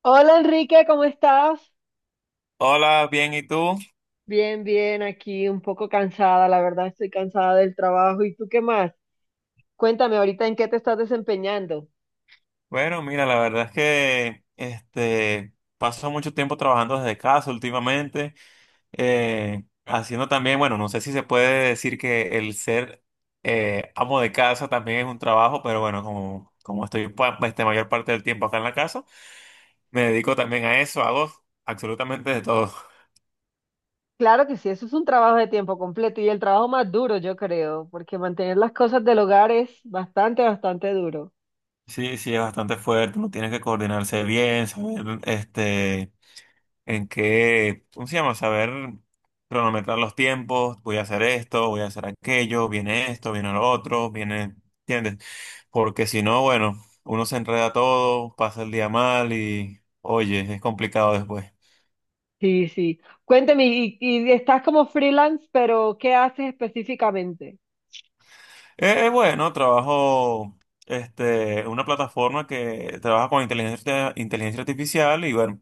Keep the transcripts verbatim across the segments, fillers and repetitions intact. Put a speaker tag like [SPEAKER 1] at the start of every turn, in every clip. [SPEAKER 1] Hola Enrique, ¿cómo estás?
[SPEAKER 2] Hola, bien, ¿y tú?
[SPEAKER 1] Bien, bien, aquí un poco cansada, la verdad estoy cansada del trabajo. ¿Y tú qué más? Cuéntame ahorita en qué te estás desempeñando.
[SPEAKER 2] Bueno, mira, la verdad es que este paso mucho tiempo trabajando desde casa últimamente, eh, haciendo también, bueno, no sé si se puede decir que el ser eh, amo de casa también es un trabajo, pero bueno, como, como estoy pa- este, mayor parte del tiempo acá en la casa, me dedico también a eso, hago absolutamente de todo.
[SPEAKER 1] Claro que sí, eso es un trabajo de tiempo completo y el trabajo más duro, yo creo, porque mantener las cosas del hogar es bastante, bastante duro.
[SPEAKER 2] Sí, sí, es bastante fuerte, uno tiene que coordinarse bien, saber, este. en que, ¿cómo se llama? Saber cronometrar los tiempos, voy a hacer esto, voy a hacer aquello, viene esto, viene lo otro, viene, ¿entiendes? Porque si no, bueno, uno se enreda todo, pasa el día mal y, oye, es complicado después.
[SPEAKER 1] Sí, sí. Cuéntame, y, y estás como freelance, pero ¿qué haces específicamente?
[SPEAKER 2] Eh, bueno, trabajo este, en una plataforma que trabaja con inteligencia, inteligencia artificial y bueno,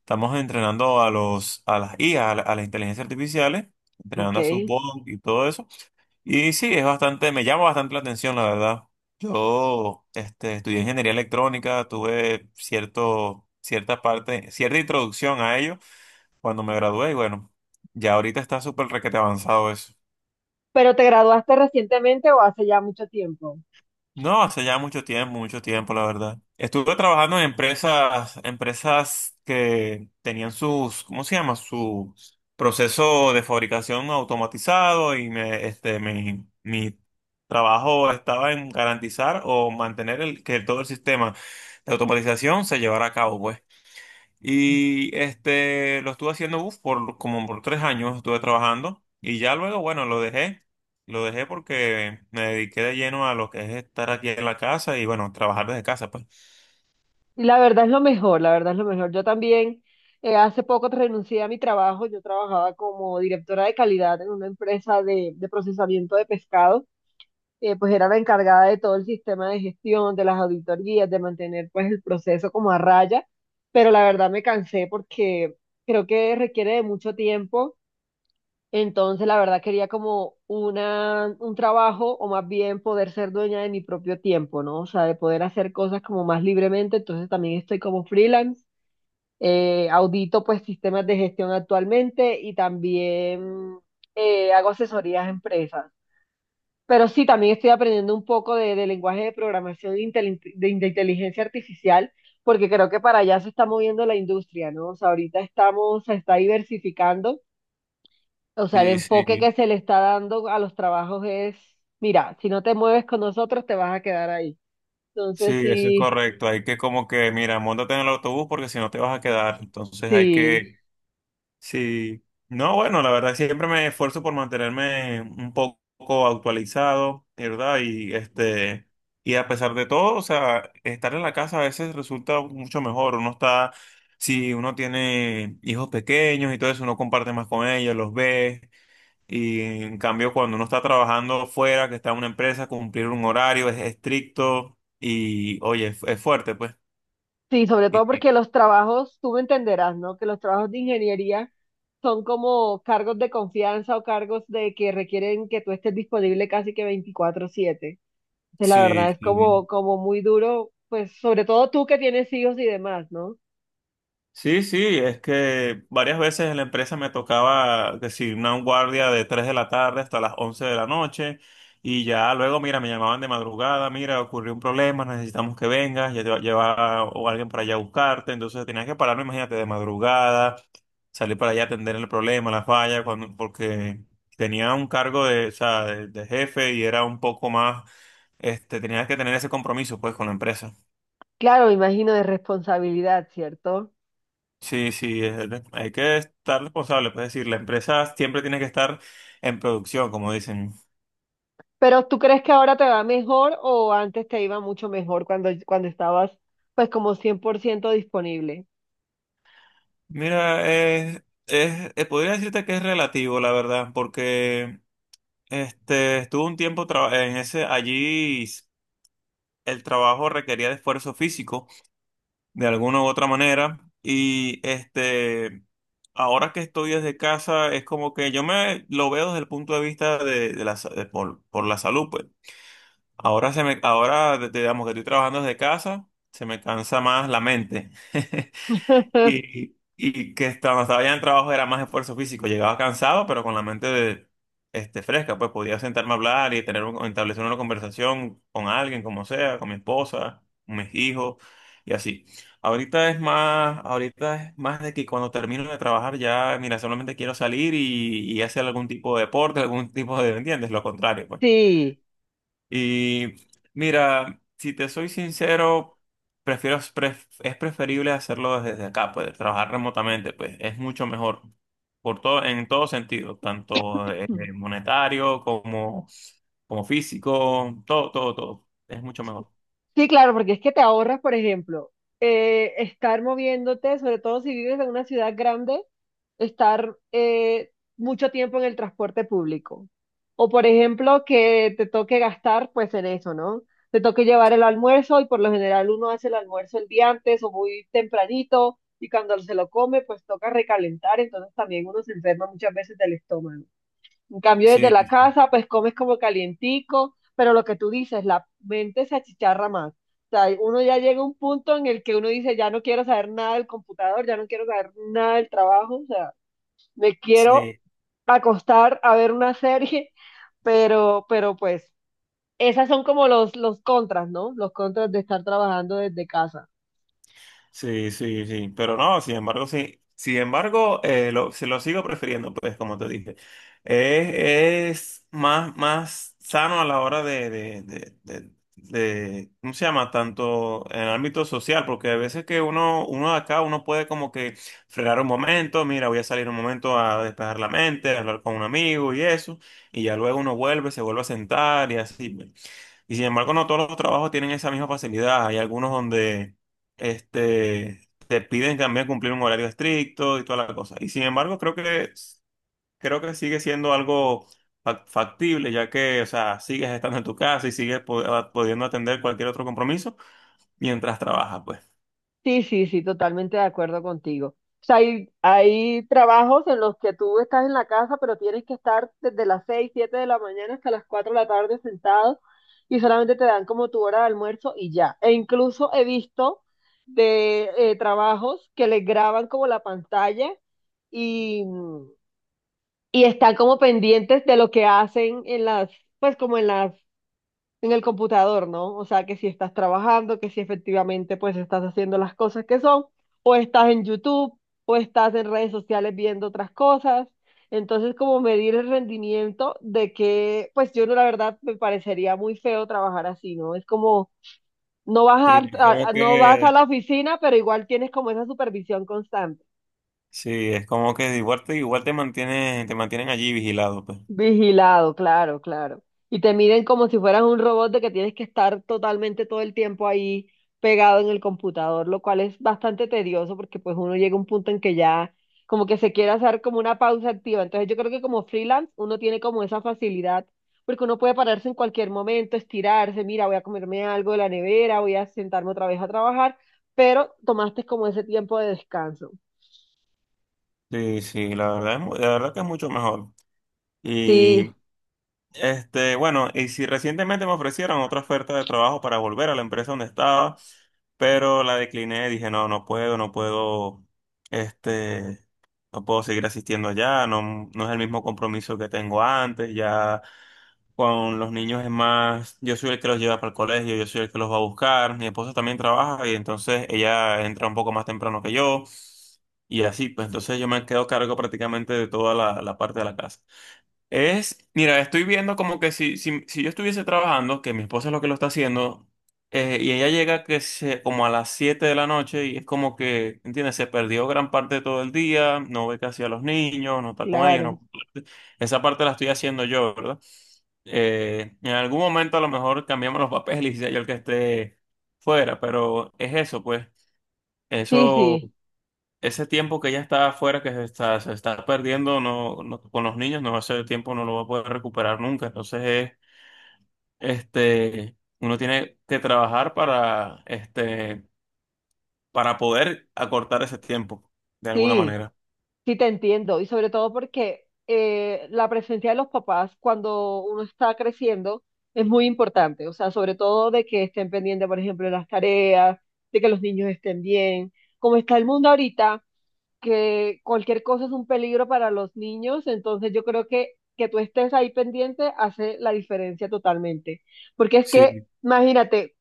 [SPEAKER 2] estamos entrenando a los, a las I A, a, a, la- a las inteligencias artificiales, entrenando a
[SPEAKER 1] Ok.
[SPEAKER 2] sus bots y todo eso. Y sí, es bastante, me llama bastante la atención, la verdad. Yo, este, estudié ingeniería electrónica, tuve cierto, cierta parte, cierta introducción a ello cuando me gradué y bueno, ya ahorita está súper requete avanzado eso.
[SPEAKER 1] ¿Pero te graduaste recientemente o hace ya mucho tiempo?
[SPEAKER 2] No, hace ya mucho tiempo, mucho tiempo, la verdad. Estuve trabajando en empresas, empresas que tenían sus, ¿cómo se llama? Su proceso de fabricación automatizado y me, este, mi, mi trabajo estaba en garantizar o mantener el, que todo el sistema de automatización se llevara a cabo, pues. Y este, lo estuve haciendo uf, por como por tres años, estuve trabajando y ya luego, bueno, lo dejé. Lo dejé porque me dediqué de lleno a lo que es estar aquí en la casa y bueno, trabajar desde casa, pues.
[SPEAKER 1] Y la verdad es lo mejor, la verdad es lo mejor. Yo también eh, hace poco renuncié a mi trabajo. Yo trabajaba como directora de calidad en una empresa de, de procesamiento de pescado. Eh, pues era la encargada de todo el sistema de gestión, de las auditorías, de mantener pues el proceso como a raya. Pero la verdad me cansé porque creo que requiere de mucho tiempo, entonces la verdad quería como una, un trabajo o más bien poder ser dueña de mi propio tiempo, ¿no? O sea, de poder hacer cosas como más libremente. Entonces, también estoy como freelance. Eh, audito pues sistemas de gestión actualmente y también eh, hago asesorías a empresas. Pero sí, también estoy aprendiendo un poco de, de lenguaje de programación e intel- de de inteligencia artificial, porque creo que para allá se está moviendo la industria, ¿no? O sea, ahorita estamos, se está diversificando. O sea, el
[SPEAKER 2] Sí,
[SPEAKER 1] enfoque que
[SPEAKER 2] sí,
[SPEAKER 1] se le está dando a los trabajos es, mira, si no te mueves con nosotros, te vas a quedar ahí.
[SPEAKER 2] sí,
[SPEAKER 1] Entonces,
[SPEAKER 2] eso es
[SPEAKER 1] sí,
[SPEAKER 2] correcto. Hay que como que, mira, móntate en el autobús porque si no te vas a quedar. Entonces hay
[SPEAKER 1] sí,
[SPEAKER 2] que... Sí, no, bueno, la verdad siempre me esfuerzo por mantenerme un poco actualizado, ¿verdad? Y este, y a pesar de todo, o sea, estar en la casa a veces resulta mucho mejor. Uno está, si uno tiene hijos pequeños y todo eso, uno comparte más con ellos, los ve. Y en cambio, cuando uno está trabajando fuera, que está en una empresa, cumplir un horario es estricto y, oye, es, es fuerte, pues.
[SPEAKER 1] sí, sobre
[SPEAKER 2] Y-
[SPEAKER 1] todo
[SPEAKER 2] y-
[SPEAKER 1] porque los trabajos, tú me entenderás, ¿no? Que los trabajos de ingeniería son como cargos de confianza o cargos de que requieren que tú estés disponible casi que veinticuatro siete. Entonces, la
[SPEAKER 2] sí,
[SPEAKER 1] verdad es
[SPEAKER 2] sí.
[SPEAKER 1] como, como muy duro, pues sobre todo tú que tienes hijos y demás, ¿no?
[SPEAKER 2] Sí, sí, es que varias veces en la empresa me tocaba que si una guardia de tres de la tarde hasta las once de la noche y ya luego, mira, me llamaban de madrugada, mira, ocurrió un problema, necesitamos que vengas, ya te va a llevar o alguien para allá a buscarte, entonces tenía que pararme, imagínate, de madrugada, salir para allá a atender el problema, la falla, cuando, porque tenía un cargo de, o sea, de, de jefe y era un poco más, este, tenía que tener ese compromiso pues con la empresa.
[SPEAKER 1] Claro, me imagino de responsabilidad, ¿cierto?
[SPEAKER 2] Sí, sí, es- de- hay que estar responsable, pues, es decir, la empresa siempre tiene que estar en producción, como dicen.
[SPEAKER 1] Pero ¿tú crees que ahora te va mejor o antes te iba mucho mejor cuando, cuando estabas pues como cien por ciento disponible?
[SPEAKER 2] Mira, es, es- eh, podría decirte que es relativo, la verdad, porque este, estuve un tiempo traba- en ese, allí s- el trabajo requería de esfuerzo físico, de alguna u otra manera, y este, ahora que estoy desde casa, es como que yo me lo veo desde el punto de vista de, de la, sa- de por, por la salud, pues. Ahora se me, ahora de- digamos que estoy trabajando desde casa, se me cansa más la mente. Y, y que cuando estaba ya en trabajo era más esfuerzo físico. Llegaba cansado, pero con la mente de, este, fresca, pues podía sentarme a hablar y tener un- establecer una conversación con alguien, como sea, con mi esposa, con mis hijos, y así. Ahorita es más, ahorita es más de que cuando termino de trabajar ya, mira, solamente quiero salir y, y hacer algún tipo de deporte, algún tipo de, ¿entiendes? Lo contrario, pues.
[SPEAKER 1] Sí.
[SPEAKER 2] Y mira, si te soy sincero, prefiero, pref- es preferible hacerlo desde acá, pues trabajar remotamente, pues es mucho mejor por todo, en todo sentido, tanto eh, monetario como, como físico, todo, todo, todo. Es mucho mejor.
[SPEAKER 1] Sí, claro, porque es que te ahorras, por ejemplo, eh, estar moviéndote, sobre todo si vives en una ciudad grande, estar eh, mucho tiempo en el transporte público. O, por ejemplo, que te toque gastar, pues, en eso, ¿no? Te toque llevar el almuerzo y por lo general uno hace el almuerzo el día antes o muy tempranito y cuando se lo come, pues toca recalentar, entonces también uno se enferma muchas veces del estómago. En cambio, desde
[SPEAKER 2] Sí,
[SPEAKER 1] la casa, pues comes como calientico, pero lo que tú dices, la mente se achicharra más. O sea, uno ya llega a un punto en el que uno dice, ya no quiero saber nada del computador, ya no quiero saber nada del trabajo, o sea, me quiero
[SPEAKER 2] sí.
[SPEAKER 1] acostar a ver una serie. Pero, pero pues, esas son como los, los contras, ¿no? Los contras de estar trabajando desde casa.
[SPEAKER 2] Sí, sí, sí, pero no, sin embargo, sí. Sin embargo, eh, lo, se lo sigo prefiriendo, pues, como te dije. Es, es más, más sano a la hora de, de, de, de, de- ¿cómo se llama? Tanto en el ámbito social, porque a veces que uno, uno de acá, uno puede como que frenar un momento, mira, voy a salir un momento a despejar la mente, a hablar con un amigo y eso, y ya luego uno vuelve, se vuelve a sentar y así. Pues. Y sin embargo, no todos los trabajos tienen esa misma facilidad. Hay algunos donde este, te piden también cumplir un horario estricto y toda la cosa. Y sin embargo, creo que, creo que sigue siendo algo fac- factible, ya que, o sea, sigues estando en tu casa y sigues po- pudiendo atender cualquier otro compromiso mientras trabajas, pues.
[SPEAKER 1] Sí, sí, sí, totalmente de acuerdo contigo. O sea, hay, hay trabajos en los que tú estás en la casa, pero tienes que estar desde las seis siete de la mañana hasta las cuatro de la tarde sentado y solamente te dan como tu hora de almuerzo y ya. E incluso he visto de eh, trabajos que les graban como la pantalla y, y están como pendientes de lo que hacen en las, pues como en las en el computador, ¿no? O sea, que si estás trabajando, que si efectivamente pues estás haciendo las cosas que son, o estás en YouTube, o estás en redes sociales viendo otras cosas. Entonces, como medir el rendimiento de que, pues yo no, la verdad, me parecería muy feo trabajar así, ¿no? Es como, no vas
[SPEAKER 2] Sí, es
[SPEAKER 1] a,
[SPEAKER 2] como
[SPEAKER 1] a- no vas
[SPEAKER 2] que,
[SPEAKER 1] a la oficina, pero igual tienes como esa supervisión constante.
[SPEAKER 2] sí, es como que igual te, igual te mantienen, te mantienen allí vigilado, pues.
[SPEAKER 1] Vigilado, claro, claro. Y te miden como si fueras un robot de que tienes que estar totalmente todo el tiempo ahí pegado en el computador, lo cual es bastante tedioso porque pues uno llega a un punto en que ya como que se quiere hacer como una pausa activa. Entonces yo creo que como freelance uno tiene como esa facilidad porque uno puede pararse en cualquier momento, estirarse, mira, voy a comerme algo de la nevera, voy a sentarme otra vez a trabajar, pero tomaste como ese tiempo de descanso.
[SPEAKER 2] Sí, sí, la verdad es, mu- la verdad que es mucho mejor.
[SPEAKER 1] Sí,
[SPEAKER 2] Este, bueno, y si recientemente me ofrecieron otra oferta de trabajo para volver a la empresa donde estaba, pero la decliné, dije, no, no puedo, no puedo, este, no puedo seguir asistiendo allá, no, no es el mismo compromiso que tengo antes, ya con los niños es más, yo soy el que los lleva para el colegio, yo soy el que los va a buscar, mi esposa también trabaja y entonces ella entra un poco más temprano que yo y así, pues entonces yo me quedo a cargo prácticamente de toda la la parte de la casa. Es, mira, estoy viendo como que si, si, si yo estuviese trabajando, que mi esposa es lo que lo está haciendo, eh, y ella llega que se, como a las siete de la noche y es como que, ¿entiendes? Se perdió gran parte de todo el día, no ve casi a los niños, no está con ellos,
[SPEAKER 1] claro.
[SPEAKER 2] no... Esa parte la estoy haciendo yo, ¿verdad? Eh, en algún momento a lo mejor cambiamos los papeles y sea yo el que esté fuera, pero es eso, pues,
[SPEAKER 1] Sí,
[SPEAKER 2] eso...
[SPEAKER 1] sí,
[SPEAKER 2] ese tiempo que ella está afuera, que se está, se está perdiendo no, no- con los niños, no, ese tiempo no lo va a poder recuperar nunca. Entonces, eh, este, uno tiene que trabajar para, este, para poder acortar ese tiempo, de alguna
[SPEAKER 1] sí.
[SPEAKER 2] manera.
[SPEAKER 1] Sí, te entiendo, y sobre todo porque eh, la presencia de los papás cuando uno está creciendo es muy importante, o sea, sobre todo de que estén pendientes, por ejemplo, de las tareas, de que los niños estén bien. Como está el mundo ahorita, que cualquier cosa es un peligro para los niños, entonces yo creo que que tú estés ahí pendiente hace la diferencia totalmente. Porque es
[SPEAKER 2] Sí,
[SPEAKER 1] que, imagínate,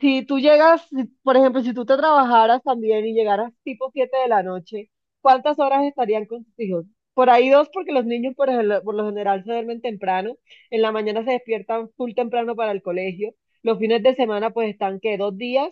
[SPEAKER 1] si tú llegas, si- por ejemplo, si tú te trabajaras también y llegaras tipo siete de la noche, ¿cuántas horas estarían con tus hijos? Por ahí dos, porque los niños por, el- por lo general se duermen temprano, en la mañana se despiertan full temprano para el colegio, los fines de semana pues están que dos días.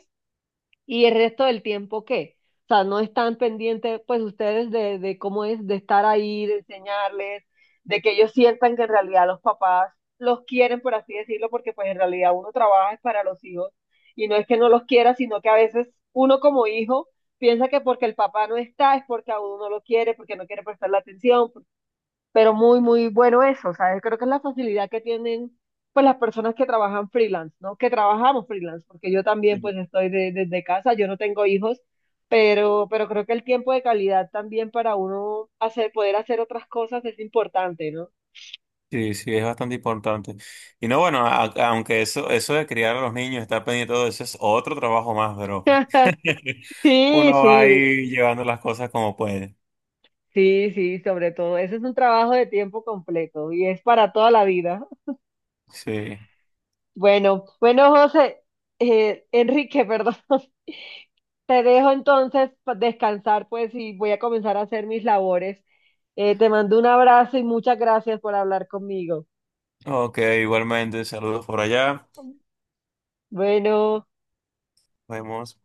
[SPEAKER 1] ¿Y el resto del tiempo qué? O sea, no están pendientes, pues ustedes, de, de cómo es, de estar ahí, de enseñarles, de que ellos sientan que en realidad los papás los quieren, por así decirlo, porque pues en realidad uno trabaja es para los hijos y no es que no los quiera, sino que a veces uno como hijo piensa que porque el papá no está es porque a uno no lo quiere, porque no quiere prestarle atención, pero muy, muy bueno eso. O sea, creo que es la facilidad que tienen pues las personas que trabajan freelance, ¿no? Que trabajamos freelance, porque yo también pues estoy de- desde casa, yo no tengo hijos, pero, pero creo que el tiempo de calidad también para uno hacer, poder hacer otras cosas es importante, ¿no?
[SPEAKER 2] sí, sí, es bastante importante. Y no, bueno, a- aunque eso, eso de criar a los niños, estar pendiente de todo eso es otro trabajo más, pero
[SPEAKER 1] Sí,
[SPEAKER 2] uno va
[SPEAKER 1] sí,
[SPEAKER 2] ahí llevando las cosas como puede.
[SPEAKER 1] sí, sí, sobre todo. Ese es un trabajo de tiempo completo y es para toda la vida.
[SPEAKER 2] Sí.
[SPEAKER 1] Bueno, bueno, José, eh, Enrique, perdón. Te dejo entonces pa- descansar, pues, y voy a comenzar a hacer mis labores. Eh, te mando un abrazo y muchas gracias por hablar conmigo.
[SPEAKER 2] Ok, igualmente, saludos por allá.
[SPEAKER 1] Bueno.
[SPEAKER 2] Nos vemos.